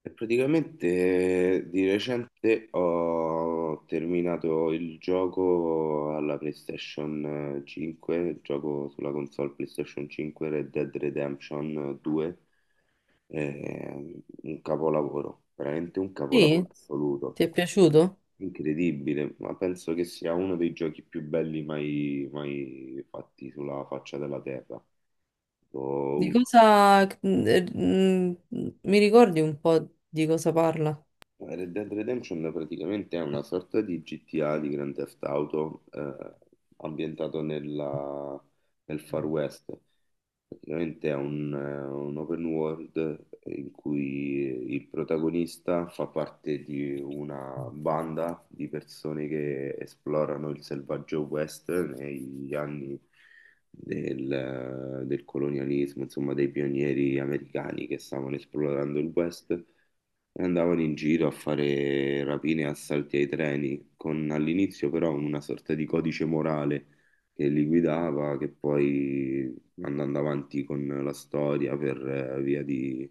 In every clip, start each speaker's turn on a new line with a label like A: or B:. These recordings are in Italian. A: E praticamente di recente ho terminato il gioco alla PlayStation 5, il gioco sulla console PlayStation 5 Red Dead Redemption 2, un capolavoro, veramente un
B: Sì,
A: capolavoro assoluto,
B: ti è piaciuto?
A: incredibile, ma penso che sia uno dei giochi più belli mai fatti sulla faccia della terra.
B: Di
A: Uno
B: cosa... mi ricordi un po' di cosa parla?
A: Red Dead Redemption praticamente è una sorta di GTA, di Grand Theft Auto, ambientato nel Far West. Praticamente è un open world in cui il protagonista fa parte di una banda di persone che esplorano il selvaggio West negli anni del colonialismo, insomma, dei pionieri americani che stavano esplorando il West e andavano in giro a fare rapine e assalti ai treni, con all'inizio però una sorta di codice morale che li guidava, che poi andando avanti con la storia per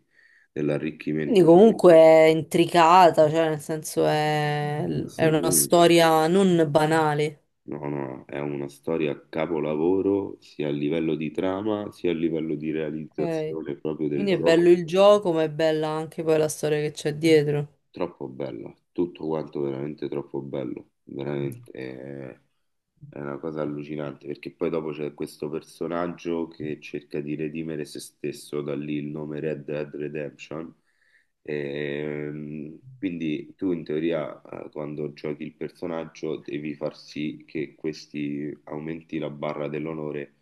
B: Quindi
A: dell'arricchimento dei...
B: comunque è intricata, cioè nel senso è una
A: Assolutamente.
B: storia non banale.
A: No, no, è una storia capolavoro sia a livello di trama sia a livello di
B: Ok.
A: realizzazione proprio del
B: Quindi è bello
A: gioco.
B: il gioco, ma è bella anche poi la storia che c'è dietro.
A: Troppo bella, tutto quanto veramente troppo bello, veramente. È una cosa allucinante perché poi dopo c'è questo personaggio che cerca di redimere se stesso, da lì il nome Red Dead Redemption. Quindi tu in teoria, quando giochi il personaggio, devi far sì che questi aumenti la barra dell'onore,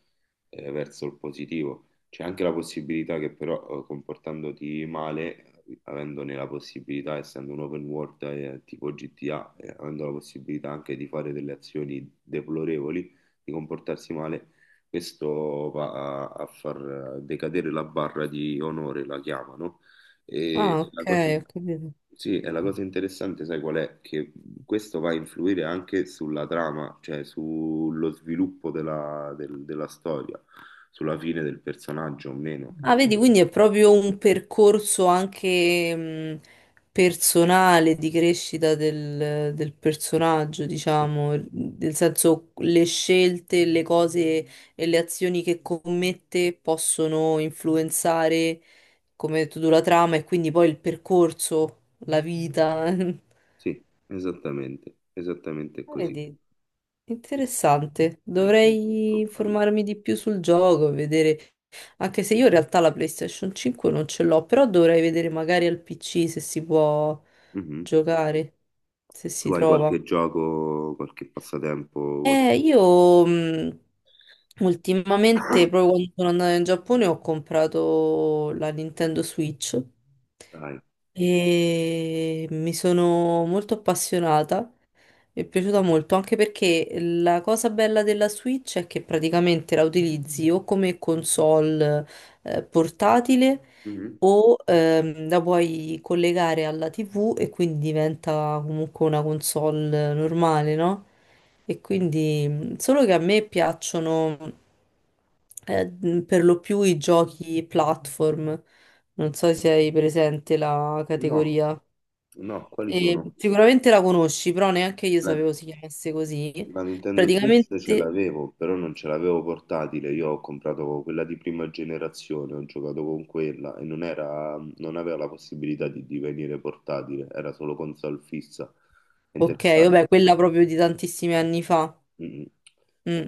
A: verso il positivo. C'è anche la possibilità che però, comportandoti male, avendone la possibilità, essendo un open world, tipo GTA, avendo la possibilità anche di fare delle azioni deplorevoli, di comportarsi male, questo va a far decadere la barra di onore, la chiamano. E
B: Ah,
A: la
B: ok,
A: cosa...
B: ho capito.
A: Sì, e la cosa interessante, sai qual è? Che questo va a influire anche sulla trama, cioè sullo sviluppo della storia, sulla fine del personaggio o meno.
B: Ah, vedi,
A: Ecco.
B: quindi è proprio un percorso anche personale di crescita del personaggio, diciamo, nel senso le scelte, le cose e le azioni che commette possono influenzare, come hai detto tu, la trama e quindi poi il percorso, la vita.
A: Sì, esattamente, esattamente
B: Ah,
A: così.
B: vedi, interessante. Dovrei
A: Molto bello.
B: informarmi di più sul gioco, vedere. Anche se io in realtà la PlayStation 5 non ce l'ho, però dovrei vedere magari al PC se si può
A: Mhm.
B: giocare, se
A: Tu
B: si
A: hai
B: trova.
A: qualche gioco, qualche passatempo? Qualche-
B: Io ultimamente, proprio quando sono andata in Giappone, ho comprato la Nintendo Switch
A: Dai.
B: e mi sono molto appassionata, mi è piaciuta molto, anche perché la cosa bella della Switch è che praticamente la utilizzi o come console portatile
A: Mhm.
B: o la puoi collegare alla TV e quindi diventa comunque una console normale, no? E quindi solo che a me piacciono eh, per lo più i giochi platform. Non so se hai presente la
A: No,
B: categoria.
A: no, quali
B: E
A: sono?
B: sicuramente la conosci, però neanche io sapevo
A: La-
B: si chiamasse così.
A: La Nintendo Switch ce
B: Praticamente,
A: l'avevo, però non ce l'avevo portatile. Io ho comprato quella di prima generazione, ho giocato con quella e non era, non aveva la possibilità di divenire portatile, era solo console fissa. È
B: ok,
A: interessante
B: vabbè,
A: questa
B: quella
A: cosa.
B: proprio di tantissimi anni fa.
A: Mm.
B: Mm.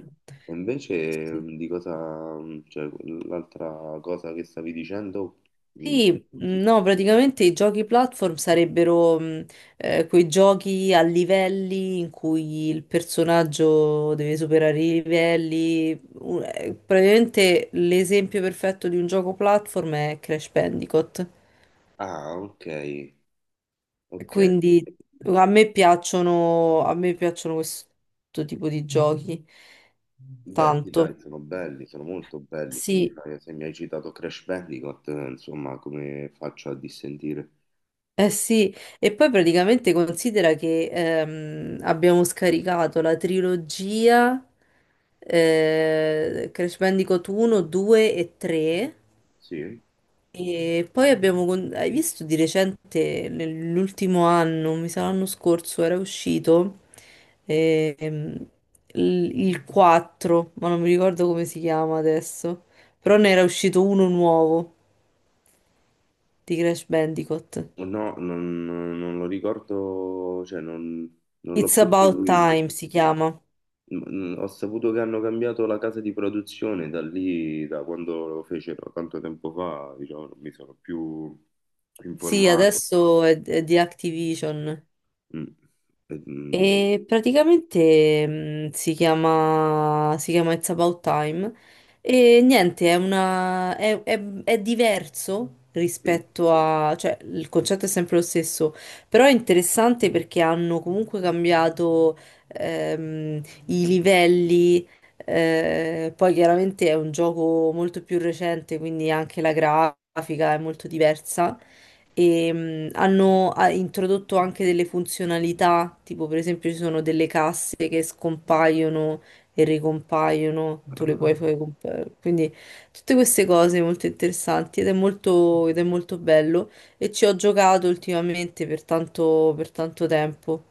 A: E invece,
B: Sì, sì.
A: di cosa, cioè, l'altra cosa che stavi dicendo? Mm,
B: Sì,
A: sì. Sì.
B: no, praticamente i giochi platform sarebbero quei giochi a livelli in cui il personaggio deve superare i livelli. Praticamente l'esempio perfetto di un gioco platform è Crash Bandicoot.
A: Ah, ok, ok.
B: Quindi a me piacciono questo tipo di giochi
A: Beh, sì,
B: tanto.
A: dai, sono belli, sono molto belli. Se
B: Sì,
A: se mi hai citato Crash Bandicoot, insomma, come faccio a dissentire?
B: eh sì, e poi praticamente considera che abbiamo scaricato la trilogia, Crash Bandicoot 1, 2 e 3,
A: Sì?
B: e poi abbiamo... Hai visto di recente, nell'ultimo anno, mi sa l'anno scorso, era uscito ehm, il 4, ma non mi ricordo come si chiama adesso, però ne era uscito uno nuovo di Crash Bandicoot.
A: No, non lo ricordo, cioè non, non l'ho
B: It's
A: più
B: About
A: seguito.
B: Time si chiama.
A: Mm. Ho saputo che hanno cambiato la casa di produzione da lì, da quando lo fecero tanto tempo fa, diciamo, non mi sono più
B: Sì,
A: informato.
B: adesso è di Activision
A: Mm. Eh, mm,
B: e praticamente si chiama It's About Time e niente, è una, è diverso
A: sì.
B: rispetto a, cioè il concetto è sempre lo stesso, però è interessante perché hanno comunque cambiato i livelli, poi chiaramente è un gioco molto più recente, quindi anche la grafica è molto diversa e hanno ha introdotto anche delle funzionalità, tipo per esempio ci sono delle casse che scompaiono e ricompaiono,
A: Ah,
B: tu le puoi
A: ah.
B: fare quindi tutte queste cose molto interessanti ed ed è molto bello e ci ho giocato ultimamente per tanto tempo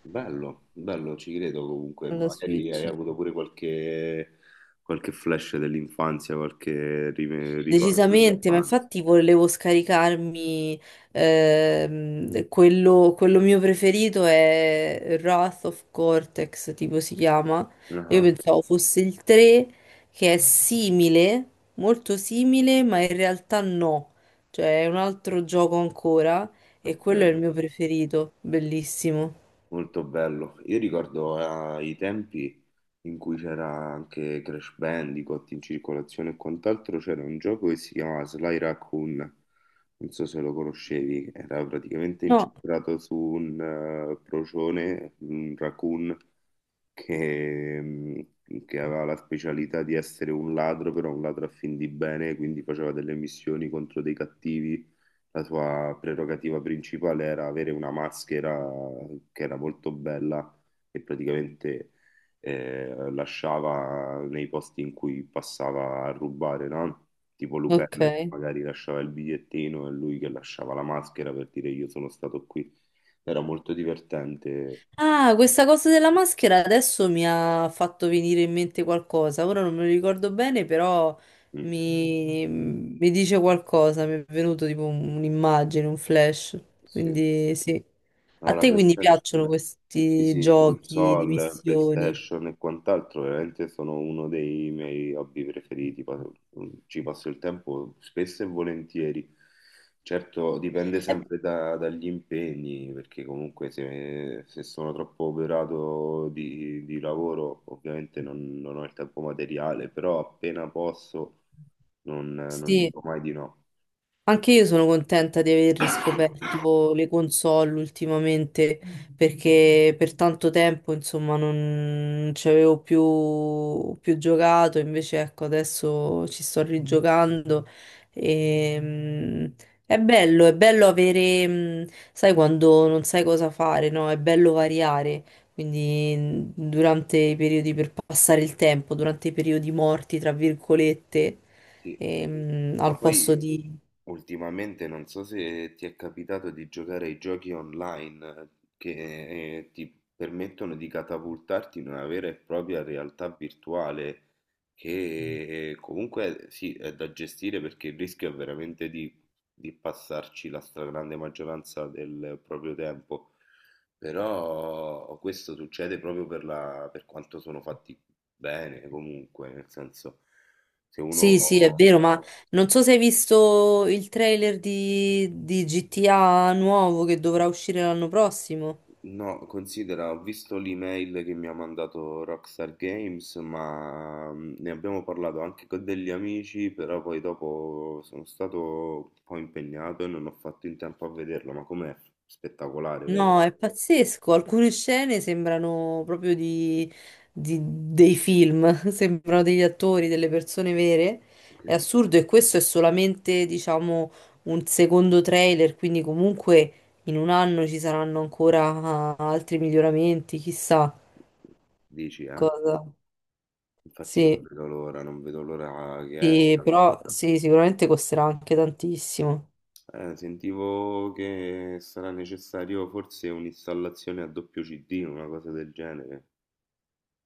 A: Bello, bello, ci credo comunque.
B: alla
A: Magari hai
B: Switch.
A: avuto pure qualche, qualche flash dell'infanzia, qualche ricordo
B: Decisamente, ma
A: dell'infanzia.
B: infatti volevo scaricarmi quello mio preferito è Wrath of Cortex, tipo si chiama. Io
A: Ah,
B: pensavo fosse il 3, che è simile, molto simile, ma in realtà no. Cioè è un altro gioco ancora e
A: ok,
B: quello è il mio preferito, bellissimo.
A: molto bello. Io ricordo, i tempi in cui c'era anche Crash Bandicoot in circolazione e quant'altro, c'era un gioco che si chiamava Sly Raccoon, non so se lo conoscevi, era praticamente
B: No,
A: incentrato su un, procione, un raccoon che aveva la specialità di essere un ladro, però un ladro a fin di bene, quindi faceva delle missioni contro dei cattivi. La sua prerogativa principale era avere una maschera che era molto bella e praticamente, lasciava nei posti in cui passava a rubare, no? Tipo Lupin che
B: ok.
A: magari lasciava il bigliettino e lui che lasciava la maschera per dire io sono stato qui. Era molto divertente.
B: Ah, questa cosa della maschera adesso mi ha fatto venire in mente qualcosa. Ora non me lo ricordo bene, però
A: Mm,
B: mi dice qualcosa. Mi è venuto tipo un'immagine, un flash.
A: sì.
B: Quindi sì.
A: No,
B: A
A: la
B: te quindi piacciono
A: PlayStation, sì,
B: questi
A: sì,
B: giochi di
A: console,
B: missioni?
A: PlayStation e quant'altro, veramente sono uno dei miei hobby preferiti. Pa- Ci passo il tempo spesso e volentieri. Certo, dipende
B: Eh,
A: sempre dagli impegni, perché comunque se, se sono troppo operato di lavoro, ovviamente non, non ho il tempo materiale, però appena posso non
B: sì.
A: dico mai di no.
B: Anche io sono contenta di aver riscoperto le console ultimamente perché per tanto tempo insomma non ci avevo più giocato, invece ecco adesso ci sto rigiocando e è bello avere. Sai quando non sai cosa fare, no? È bello variare, quindi
A: Sì,
B: durante i periodi per passare il tempo, durante i periodi morti, tra virgolette,
A: sì. Ma
B: al posto
A: poi,
B: di...
A: ultimamente, non so se ti è capitato di giocare ai giochi online, che, ti permettono di catapultarti in una vera e propria realtà virtuale che, comunque sì, è da gestire, perché il rischio è veramente di passarci la stragrande maggioranza del proprio tempo, però questo succede proprio per per quanto sono fatti bene comunque, nel senso, se uno...
B: Sì, sì, è vero, ma non so se hai visto il trailer di GTA nuovo che dovrà uscire l'anno prossimo.
A: No, considera, ho visto l'email che mi ha mandato Rockstar Games, ma ne abbiamo parlato anche con degli amici, però poi dopo sono stato un po' impegnato e non ho fatto in tempo a vederlo, ma com'è spettacolare, vero?
B: No, è pazzesco. Alcune scene sembrano proprio di, dei film, sembrano degli attori, delle persone vere. È
A: Che-
B: assurdo e questo è solamente, diciamo, un secondo trailer, quindi comunque in un anno ci saranno ancora altri miglioramenti, chissà
A: Dici, eh?
B: cosa.
A: Infatti non
B: Sì.
A: vedo l'ora, non vedo l'ora che
B: Sì,
A: esca.
B: però sì, sicuramente costerà anche tantissimo.
A: Sentivo che sarà necessario forse un'installazione a doppio CD, una cosa del genere.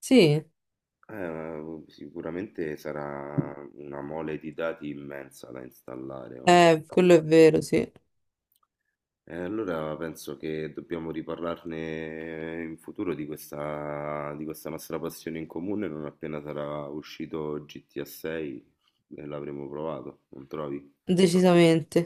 B: Sì,
A: Sicuramente sarà una mole di dati immensa da installare, ma...
B: quello è vero, sì,
A: E allora penso che dobbiamo riparlarne in futuro di questa nostra passione in comune non appena sarà uscito GTA 6 e l'avremo provato, non trovi?
B: decisamente.